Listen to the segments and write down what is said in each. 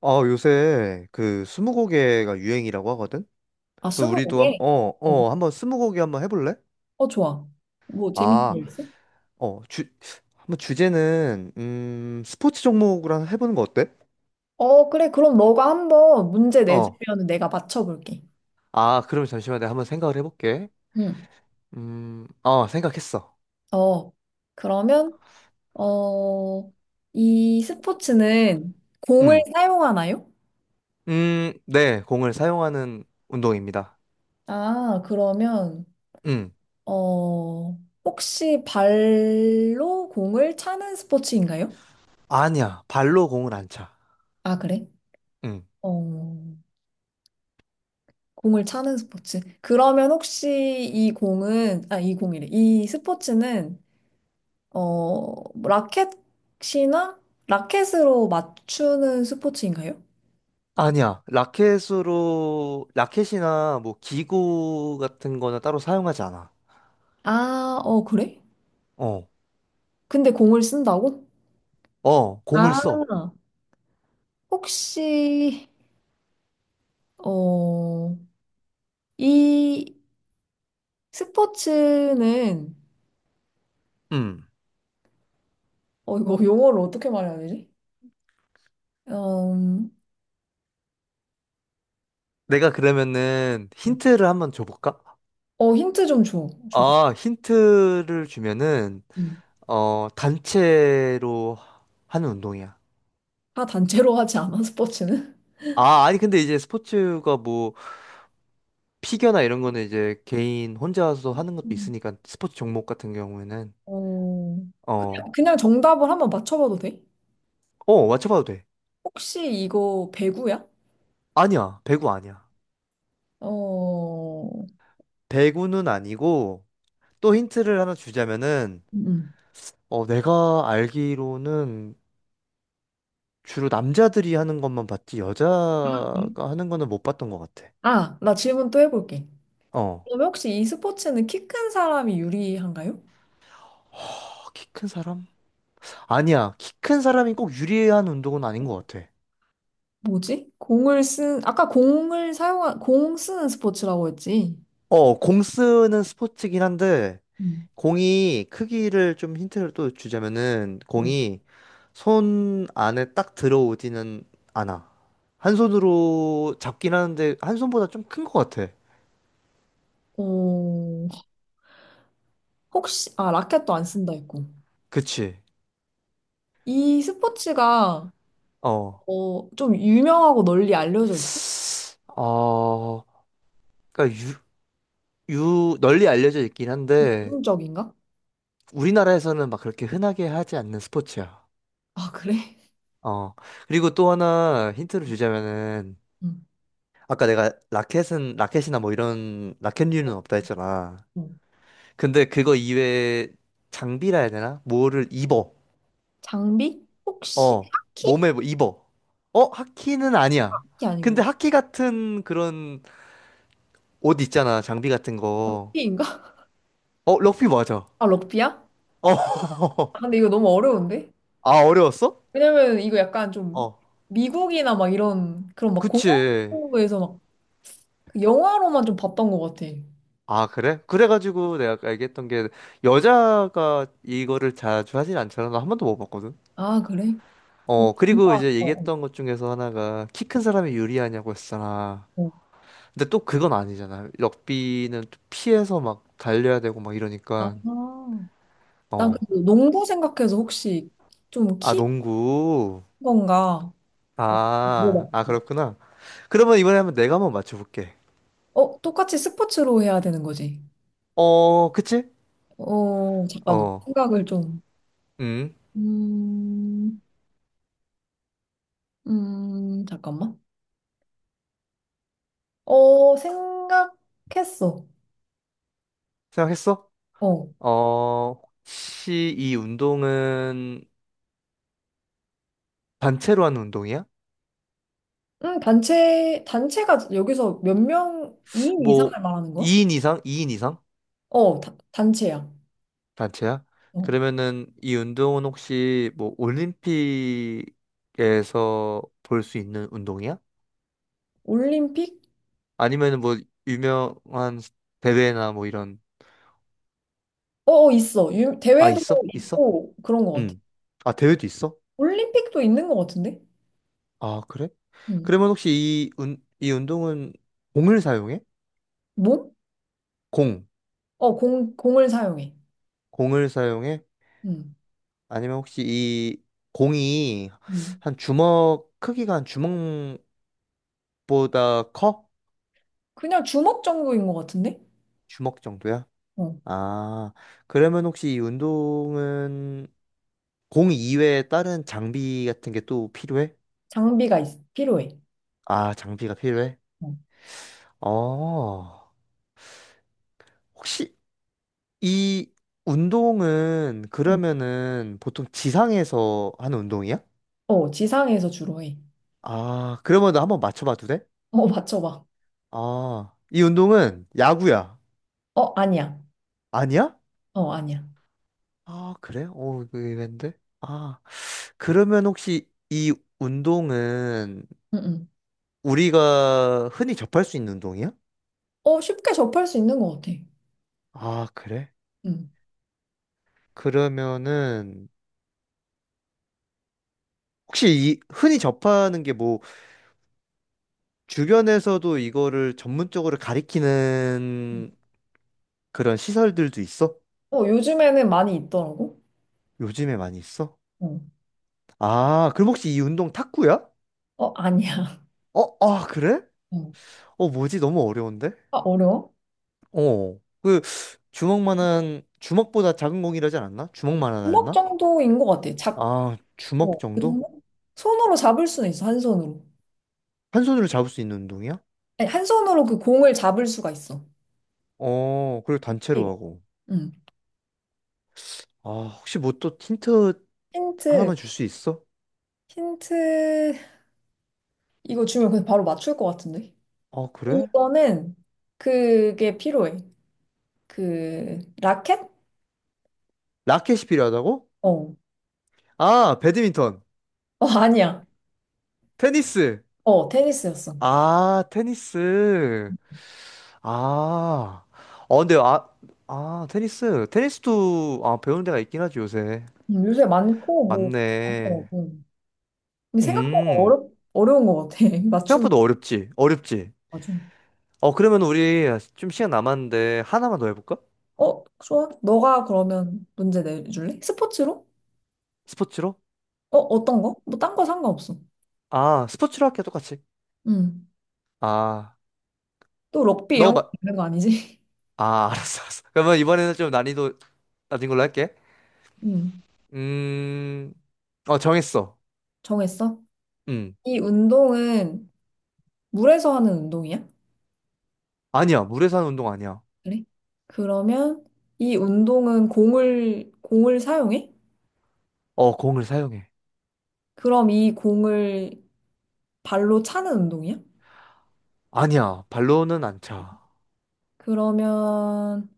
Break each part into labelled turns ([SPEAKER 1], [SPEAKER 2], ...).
[SPEAKER 1] 아, 요새 그 스무고개가 유행이라고 하거든?
[SPEAKER 2] 아,
[SPEAKER 1] 그럼 우리도
[SPEAKER 2] 스무고개? 응.
[SPEAKER 1] 한번 스무고개 한번 해볼래?
[SPEAKER 2] 어, 좋아. 뭐 재밌는
[SPEAKER 1] 아,
[SPEAKER 2] 거 있어?
[SPEAKER 1] 어, 주, 한번 주제는, 스포츠 종목으로 한번 해보는 거 어때?
[SPEAKER 2] 어, 그래. 그럼 너가 한번 문제
[SPEAKER 1] 어.
[SPEAKER 2] 내주면 내가 맞춰볼게.
[SPEAKER 1] 아, 그러면 잠시만 내가 한번 생각을 해볼게.
[SPEAKER 2] 응.
[SPEAKER 1] 생각했어.
[SPEAKER 2] 어, 그러면, 어, 이 스포츠는 공을
[SPEAKER 1] 음,
[SPEAKER 2] 사용하나요?
[SPEAKER 1] 네, 공을 사용하는 운동입니다.
[SPEAKER 2] 아, 그러면,
[SPEAKER 1] 음,
[SPEAKER 2] 어, 혹시 발로 공을 차는 스포츠인가요?
[SPEAKER 1] 아니야, 발로 공을 안 차.
[SPEAKER 2] 아, 그래?
[SPEAKER 1] 음,
[SPEAKER 2] 어, 공을 차는 스포츠. 그러면 혹시 이 공은, 아, 이 공이래. 이 스포츠는 어, 라켓이나 라켓으로 맞추는 스포츠인가요?
[SPEAKER 1] 아니야, 라켓이나 뭐 기구 같은 거는 따로 사용하지 않아.
[SPEAKER 2] 아, 어, 그래?
[SPEAKER 1] 어.
[SPEAKER 2] 근데 공을 쓴다고?
[SPEAKER 1] 어, 공을
[SPEAKER 2] 아,
[SPEAKER 1] 써.
[SPEAKER 2] 혹시, 어, 이 스포츠는,
[SPEAKER 1] 음.
[SPEAKER 2] 어, 이거 용어를 어떻게 말해야 되지? 음,
[SPEAKER 1] 내가 그러면은 힌트를 한번 줘볼까?
[SPEAKER 2] 어, 힌트 좀 줘.
[SPEAKER 1] 아, 힌트를 주면은,
[SPEAKER 2] 음.
[SPEAKER 1] 어, 단체로 하는 운동이야.
[SPEAKER 2] 다 단체로 하지 않아, 스포츠는?
[SPEAKER 1] 아니, 근데 이제 스포츠가 뭐, 피겨나 이런 거는 이제 개인 혼자서 하는 것도
[SPEAKER 2] 음.
[SPEAKER 1] 있으니까, 스포츠 종목 같은 경우에는,
[SPEAKER 2] 어,
[SPEAKER 1] 어,
[SPEAKER 2] 그냥 정답을 한번 맞춰봐도 돼?
[SPEAKER 1] 어, 맞춰봐도 돼.
[SPEAKER 2] 혹시 이거 배구야?
[SPEAKER 1] 아니야, 배구 아니야.
[SPEAKER 2] 어,
[SPEAKER 1] 배구는 아니고, 또 힌트를 하나 주자면은,
[SPEAKER 2] 음.
[SPEAKER 1] 어, 내가 알기로는 주로 남자들이 하는 것만 봤지
[SPEAKER 2] 음.
[SPEAKER 1] 여자가 하는 거는 못 봤던 것 같아.
[SPEAKER 2] 아, 나 질문 또 해볼게.
[SPEAKER 1] 어.
[SPEAKER 2] 그러면 혹시 이 스포츠는 키 큰 사람이 유리한가요?
[SPEAKER 1] 아, 키큰 사람? 아니야. 키 큰 사람이 꼭 유리한 운동은 아닌 것 같아.
[SPEAKER 2] 뭐지? 공을 쓴, 아까 공을 사용한, 공 쓰는 스포츠라고 했지?
[SPEAKER 1] 어, 공 쓰는 스포츠긴 한데
[SPEAKER 2] 음.
[SPEAKER 1] 공이 크기를 좀 힌트를 또 주자면은
[SPEAKER 2] 어,
[SPEAKER 1] 공이 손 안에 딱 들어오지는 않아. 한 손으로 잡긴 하는데 한 손보다 좀 큰 것 같아.
[SPEAKER 2] 어, 혹시, 아, 라켓도 안 쓴다 했고.
[SPEAKER 1] 그치?
[SPEAKER 2] 이 스포츠가,
[SPEAKER 1] 어.
[SPEAKER 2] 어, 좀 유명하고 널리 알려져 있고?
[SPEAKER 1] 어, 그러니까 유, 유 널리 알려져 있긴 한데
[SPEAKER 2] 전문적인가?
[SPEAKER 1] 우리나라에서는 막 그렇게 흔하게 하지 않는 스포츠야.
[SPEAKER 2] 아, 그래?
[SPEAKER 1] 어. 그리고 또 하나 힌트를 주자면은
[SPEAKER 2] 음.
[SPEAKER 1] 아까 내가 라켓은 라켓이나 뭐 이런 라켓류는 없다 했잖아.
[SPEAKER 2] 음.
[SPEAKER 1] 근데 그거 이외에 장비라 해야 되나? 뭐를 입어.
[SPEAKER 2] 장비? 혹시
[SPEAKER 1] 어.
[SPEAKER 2] 하키?
[SPEAKER 1] 몸에 뭐 입어. 어, 하키는 아니야.
[SPEAKER 2] 하키 아니고.
[SPEAKER 1] 근데 하키 같은 그런 옷 있잖아. 장비 같은 거.
[SPEAKER 2] 럭비인가?
[SPEAKER 1] 어, 럭비 맞아. 어.
[SPEAKER 2] 아, 럭비야? 아, 근데 이거 너무 어려운데?
[SPEAKER 1] 아, 어려웠어?
[SPEAKER 2] 왜냐면 이거 약간 좀
[SPEAKER 1] 어.
[SPEAKER 2] 미국이나 막 이런 그런 막
[SPEAKER 1] 그치.
[SPEAKER 2] 공항에서 막그 영화로만 좀 봤던 것 같아.
[SPEAKER 1] 아, 그래? 그래가지고 내가 아까 얘기했던 게 여자가 이거를 자주 하진 않잖아. 나 한 번도 못 봤거든.
[SPEAKER 2] 아, 그래? 어,
[SPEAKER 1] 어, 그리고
[SPEAKER 2] 뭔가,
[SPEAKER 1] 이제
[SPEAKER 2] 어, 어,
[SPEAKER 1] 얘기했던 것 중에서 하나가 키 큰 사람이 유리하냐고 했잖아.
[SPEAKER 2] 어.
[SPEAKER 1] 근데 또 그건 아니잖아. 럭비는 또 피해서 막 달려야 되고 막 이러니까.
[SPEAKER 2] 아, 난그
[SPEAKER 1] 어.
[SPEAKER 2] 농구 생각해서 혹시 좀
[SPEAKER 1] 아,
[SPEAKER 2] 키
[SPEAKER 1] 농구.
[SPEAKER 2] 건가? 어, 물
[SPEAKER 1] 아,
[SPEAKER 2] 어
[SPEAKER 1] 아,
[SPEAKER 2] 봤
[SPEAKER 1] 그렇구나. 그러면 이번에 한번 내가 한번 맞춰볼게.
[SPEAKER 2] 어, 똑같이 스포츠로 해야 되는 거지.
[SPEAKER 1] 어, 그치?
[SPEAKER 2] 어, 잠깐만.
[SPEAKER 1] 어,
[SPEAKER 2] 생각을 좀.
[SPEAKER 1] 음,
[SPEAKER 2] 음, 잠깐만. 어, 생각했어.
[SPEAKER 1] 생각했어?
[SPEAKER 2] 어.
[SPEAKER 1] 어, 혹시 이 운동은 단체로 하는 운동이야?
[SPEAKER 2] 단체가 여기서 몇 명, 2인 이상을
[SPEAKER 1] 뭐
[SPEAKER 2] 말하는 거야?
[SPEAKER 1] 2인 이상? 이인 이상?
[SPEAKER 2] 어, 단체야.
[SPEAKER 1] 단체야?
[SPEAKER 2] 어.
[SPEAKER 1] 그러면은 이 운동은 혹시 뭐 올림픽에서 볼 수 있는 운동이야?
[SPEAKER 2] 올림픽?
[SPEAKER 1] 아니면은 뭐 유명한 대회나 뭐 이런.
[SPEAKER 2] 어, 어, 있어.
[SPEAKER 1] 아
[SPEAKER 2] 대회도
[SPEAKER 1] 있어? 있어?
[SPEAKER 2] 있고, 그런 것 같아.
[SPEAKER 1] 응. 아 대회도 있어?
[SPEAKER 2] 올림픽도 있는 것 같은데?
[SPEAKER 1] 아 그래?
[SPEAKER 2] 음.
[SPEAKER 1] 그러면 혹시 이 운동은 공을 사용해?
[SPEAKER 2] 몸?
[SPEAKER 1] 공.
[SPEAKER 2] 어, 공을 사용해.
[SPEAKER 1] 공을 사용해?
[SPEAKER 2] 음.
[SPEAKER 1] 아니면 혹시 이 공이
[SPEAKER 2] 음.
[SPEAKER 1] 한 주먹 크기가 한 주먹보다 커?
[SPEAKER 2] 그냥 주먹 정도인 것 같은데?
[SPEAKER 1] 주먹 정도야?
[SPEAKER 2] 어.
[SPEAKER 1] 아, 그러면 혹시 이 운동은 공 이외에 다른 장비 같은 게 또 필요해?
[SPEAKER 2] 장비가 있, 필요해.
[SPEAKER 1] 아, 장비가 필요해?
[SPEAKER 2] 어.
[SPEAKER 1] 어, 혹시 이 운동은
[SPEAKER 2] 음.
[SPEAKER 1] 그러면은 보통 지상에서 하는 운동이야?
[SPEAKER 2] 어, 지상에서 주로 해.
[SPEAKER 1] 아, 그러면 나 한번 맞춰봐도 돼?
[SPEAKER 2] 어, 맞춰봐.
[SPEAKER 1] 아, 이 운동은 야구야.
[SPEAKER 2] 어, 아니야.
[SPEAKER 1] 아니야?
[SPEAKER 2] 어, 아니야.
[SPEAKER 1] 아, 그래? 어, 이거 의외인데? 아, 그러면 혹시 이 운동은
[SPEAKER 2] 응, 응.
[SPEAKER 1] 우리가 흔히 접할 수 있는 운동이야?
[SPEAKER 2] 어, 쉽게 접할 수 있는 것 같아.
[SPEAKER 1] 아, 그래?
[SPEAKER 2] 응
[SPEAKER 1] 그러면은 혹시 이 흔히 접하는 게 뭐 주변에서도 이거를 전문적으로
[SPEAKER 2] 응.
[SPEAKER 1] 가리키는 그런 시설들도 있어?
[SPEAKER 2] 어, 요즘에는 많이 있더라고.
[SPEAKER 1] 요즘에 많이 있어?
[SPEAKER 2] 어,
[SPEAKER 1] 아, 그럼 혹시 이 운동 탁구야?
[SPEAKER 2] 어, 아니야.
[SPEAKER 1] 어, 아, 그래?
[SPEAKER 2] 어.
[SPEAKER 1] 어, 뭐지? 너무 어려운데?
[SPEAKER 2] 아, 어려워?
[SPEAKER 1] 어, 그 주먹만한 주먹보다 작은 공이라지 않았나? 주먹만하다
[SPEAKER 2] 주먹
[SPEAKER 1] 했나?
[SPEAKER 2] 정도인 것 같아. 작,
[SPEAKER 1] 아,
[SPEAKER 2] 어,
[SPEAKER 1] 주먹
[SPEAKER 2] 그
[SPEAKER 1] 정도?
[SPEAKER 2] 정도? 손으로 잡을 수는 있어, 한 손으로.
[SPEAKER 1] 한 손으로 잡을 수 있는 운동이야?
[SPEAKER 2] 아니, 한 손으로 그 공을 잡을 수가 있어.
[SPEAKER 1] 어, 그리고
[SPEAKER 2] 네.
[SPEAKER 1] 단체로 하고.
[SPEAKER 2] 응.
[SPEAKER 1] 아, 혹시 뭐 또 힌트
[SPEAKER 2] 힌트,
[SPEAKER 1] 하나만 줄 수 있어?
[SPEAKER 2] 힌트, 이거 주면 그냥 바로 맞출 것 같은데.
[SPEAKER 1] 어 그래?
[SPEAKER 2] 이거는 그게 필요해. 그, 라켓?
[SPEAKER 1] 라켓이 필요하다고?
[SPEAKER 2] 어.
[SPEAKER 1] 아, 배드민턴.
[SPEAKER 2] 어, 아니야.
[SPEAKER 1] 테니스.
[SPEAKER 2] 어, 테니스였어.
[SPEAKER 1] 아, 테니스. 아. 어, 근데, 아, 아, 테니스. 테니스도, 배우는 데가 있긴 하지, 요새.
[SPEAKER 2] 요새 많고, 뭐, 어,
[SPEAKER 1] 맞네.
[SPEAKER 2] 어. 근데 생각보다
[SPEAKER 1] 음.
[SPEAKER 2] 어려운 것 같아. 맞추는.
[SPEAKER 1] 생각보다 어렵지. 어렵지.
[SPEAKER 2] 아, 좀.
[SPEAKER 1] 어, 그러면 우리 좀 시간 남았는데, 하나만 더 해볼까?
[SPEAKER 2] 어, 좋아. 너가 그러면 문제 내줄래? 스포츠로?
[SPEAKER 1] 스포츠로?
[SPEAKER 2] 어, 어떤 거? 뭐, 딴 거 상관없어.
[SPEAKER 1] 아, 스포츠로 할게, 똑같이.
[SPEAKER 2] 음.
[SPEAKER 1] 아,
[SPEAKER 2] 또 럭비 이런 거
[SPEAKER 1] 너가, 마-
[SPEAKER 2] 있는 거 아니지?
[SPEAKER 1] 아, 알았어. 그러면 이번에는 좀 난이도 낮은 걸로 할게.
[SPEAKER 2] 음.
[SPEAKER 1] 음, 정했어.
[SPEAKER 2] 정했어?
[SPEAKER 1] 응.
[SPEAKER 2] 이 운동은 물에서 하는 운동이야?
[SPEAKER 1] 아니야. 물에서 하는 운동 아니야.
[SPEAKER 2] 그래? 그러면 이 운동은 공을 사용해?
[SPEAKER 1] 어, 공을 사용해.
[SPEAKER 2] 그럼 이 공을 발로 차는 운동이야?
[SPEAKER 1] 아니야. 발로는 안 차.
[SPEAKER 2] 그러면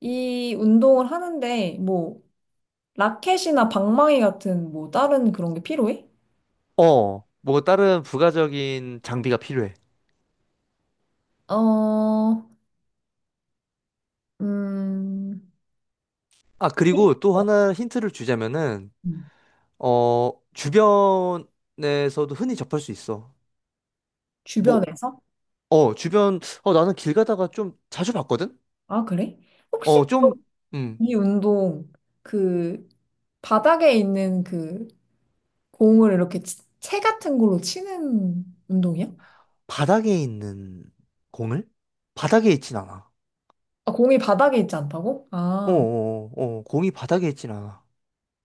[SPEAKER 2] 이 운동을 하는데 뭐, 라켓이나 방망이 같은 뭐, 다른 그런 게 필요해?
[SPEAKER 1] 어, 뭐 다른 부가적인 장비가 필요해.
[SPEAKER 2] 어, 음,
[SPEAKER 1] 아, 그리고 또 하나 힌트를 주자면은,
[SPEAKER 2] 음.
[SPEAKER 1] 어, 주변에서도 흔히 접할 수 있어. 뭐,
[SPEAKER 2] 주변에서?
[SPEAKER 1] 어, 주변, 어, 나는 길 가다가 좀 자주 봤거든?
[SPEAKER 2] 아, 그래? 혹시
[SPEAKER 1] 어, 좀, 음,
[SPEAKER 2] 이 운동 그 바닥에 있는 그 공을 이렇게 채 같은 걸로 치는 운동이야?
[SPEAKER 1] 바닥에 있는 공을? 바닥에 있진 않아.
[SPEAKER 2] 아, 공이 바닥에 있지 않다고? 아,
[SPEAKER 1] 공이 바닥에 있진 않아.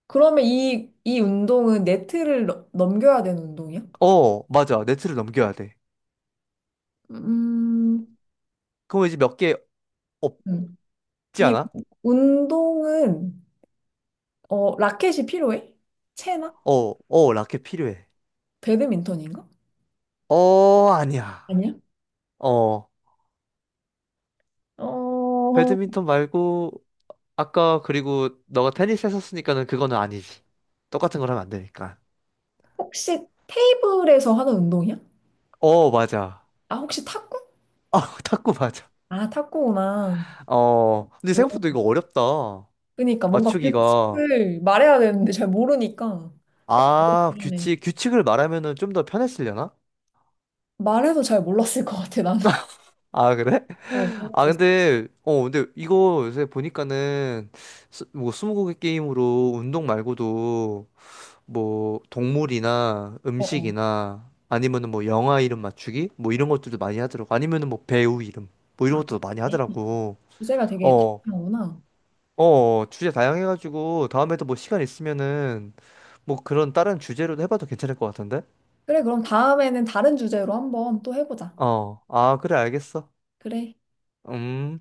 [SPEAKER 2] 그러면 이 운동은 네트를 넘겨야 되는 운동이야?
[SPEAKER 1] 어, 맞아. 네트를 넘겨야 돼.
[SPEAKER 2] 음,
[SPEAKER 1] 그럼 이제 몇 개,
[SPEAKER 2] 음.
[SPEAKER 1] 있지
[SPEAKER 2] 이
[SPEAKER 1] 않아?
[SPEAKER 2] 운동은 어, 라켓이 필요해? 채나?
[SPEAKER 1] 어, 어, 라켓 필요해.
[SPEAKER 2] 배드민턴인가?
[SPEAKER 1] 어, 아니야.
[SPEAKER 2] 아니야?
[SPEAKER 1] 어,
[SPEAKER 2] 어,
[SPEAKER 1] 배드민턴 말고, 아까, 그리고, 너가 테니스 했었으니까는 그거는 아니지. 똑같은 걸 하면 안 되니까.
[SPEAKER 2] 혹시 테이블에서 하는 운동이야?
[SPEAKER 1] 어, 맞아.
[SPEAKER 2] 아, 혹시 탁구?
[SPEAKER 1] 아, 탁구 맞아.
[SPEAKER 2] 아, 탁구구나.
[SPEAKER 1] 어, 근데
[SPEAKER 2] 오,
[SPEAKER 1] 생각보다 이거 어렵다.
[SPEAKER 2] 그러니까 뭔가
[SPEAKER 1] 맞추기가.
[SPEAKER 2] 규칙을 말해야 되는데 잘 모르니까 조금
[SPEAKER 1] 아,
[SPEAKER 2] 어렵네.
[SPEAKER 1] 규칙을 말하면은 좀 더 편했으려나?
[SPEAKER 2] 말해도 잘 몰랐을 것 같아, 나는.
[SPEAKER 1] 아, 그래?
[SPEAKER 2] 어,
[SPEAKER 1] 아,
[SPEAKER 2] 재밌었어.
[SPEAKER 1] 근데 이거 요새 보니까는, 스무고개 게임으로 운동 말고도 뭐 동물이나
[SPEAKER 2] 어, 어.
[SPEAKER 1] 음식이나 아니면은 뭐 영화 이름 맞추기 뭐 이런 것들도 많이 하더라고. 아니면은 뭐 배우 이름 뭐
[SPEAKER 2] 아,
[SPEAKER 1] 이런 것도 많이
[SPEAKER 2] 네.
[SPEAKER 1] 하더라고.
[SPEAKER 2] 주제가 되게
[SPEAKER 1] 어,
[SPEAKER 2] 다양하구나.
[SPEAKER 1] 어, 주제 다양해가지고 다음에도 뭐 시간 있으면은 뭐 그런 다른 주제로도 해봐도 괜찮을 것 같은데.
[SPEAKER 2] 그래, 그럼 다음에는 다른 주제로 한번 또 해보자.
[SPEAKER 1] 어, 아, 그래, 알겠어.
[SPEAKER 2] 그래.
[SPEAKER 1] 음.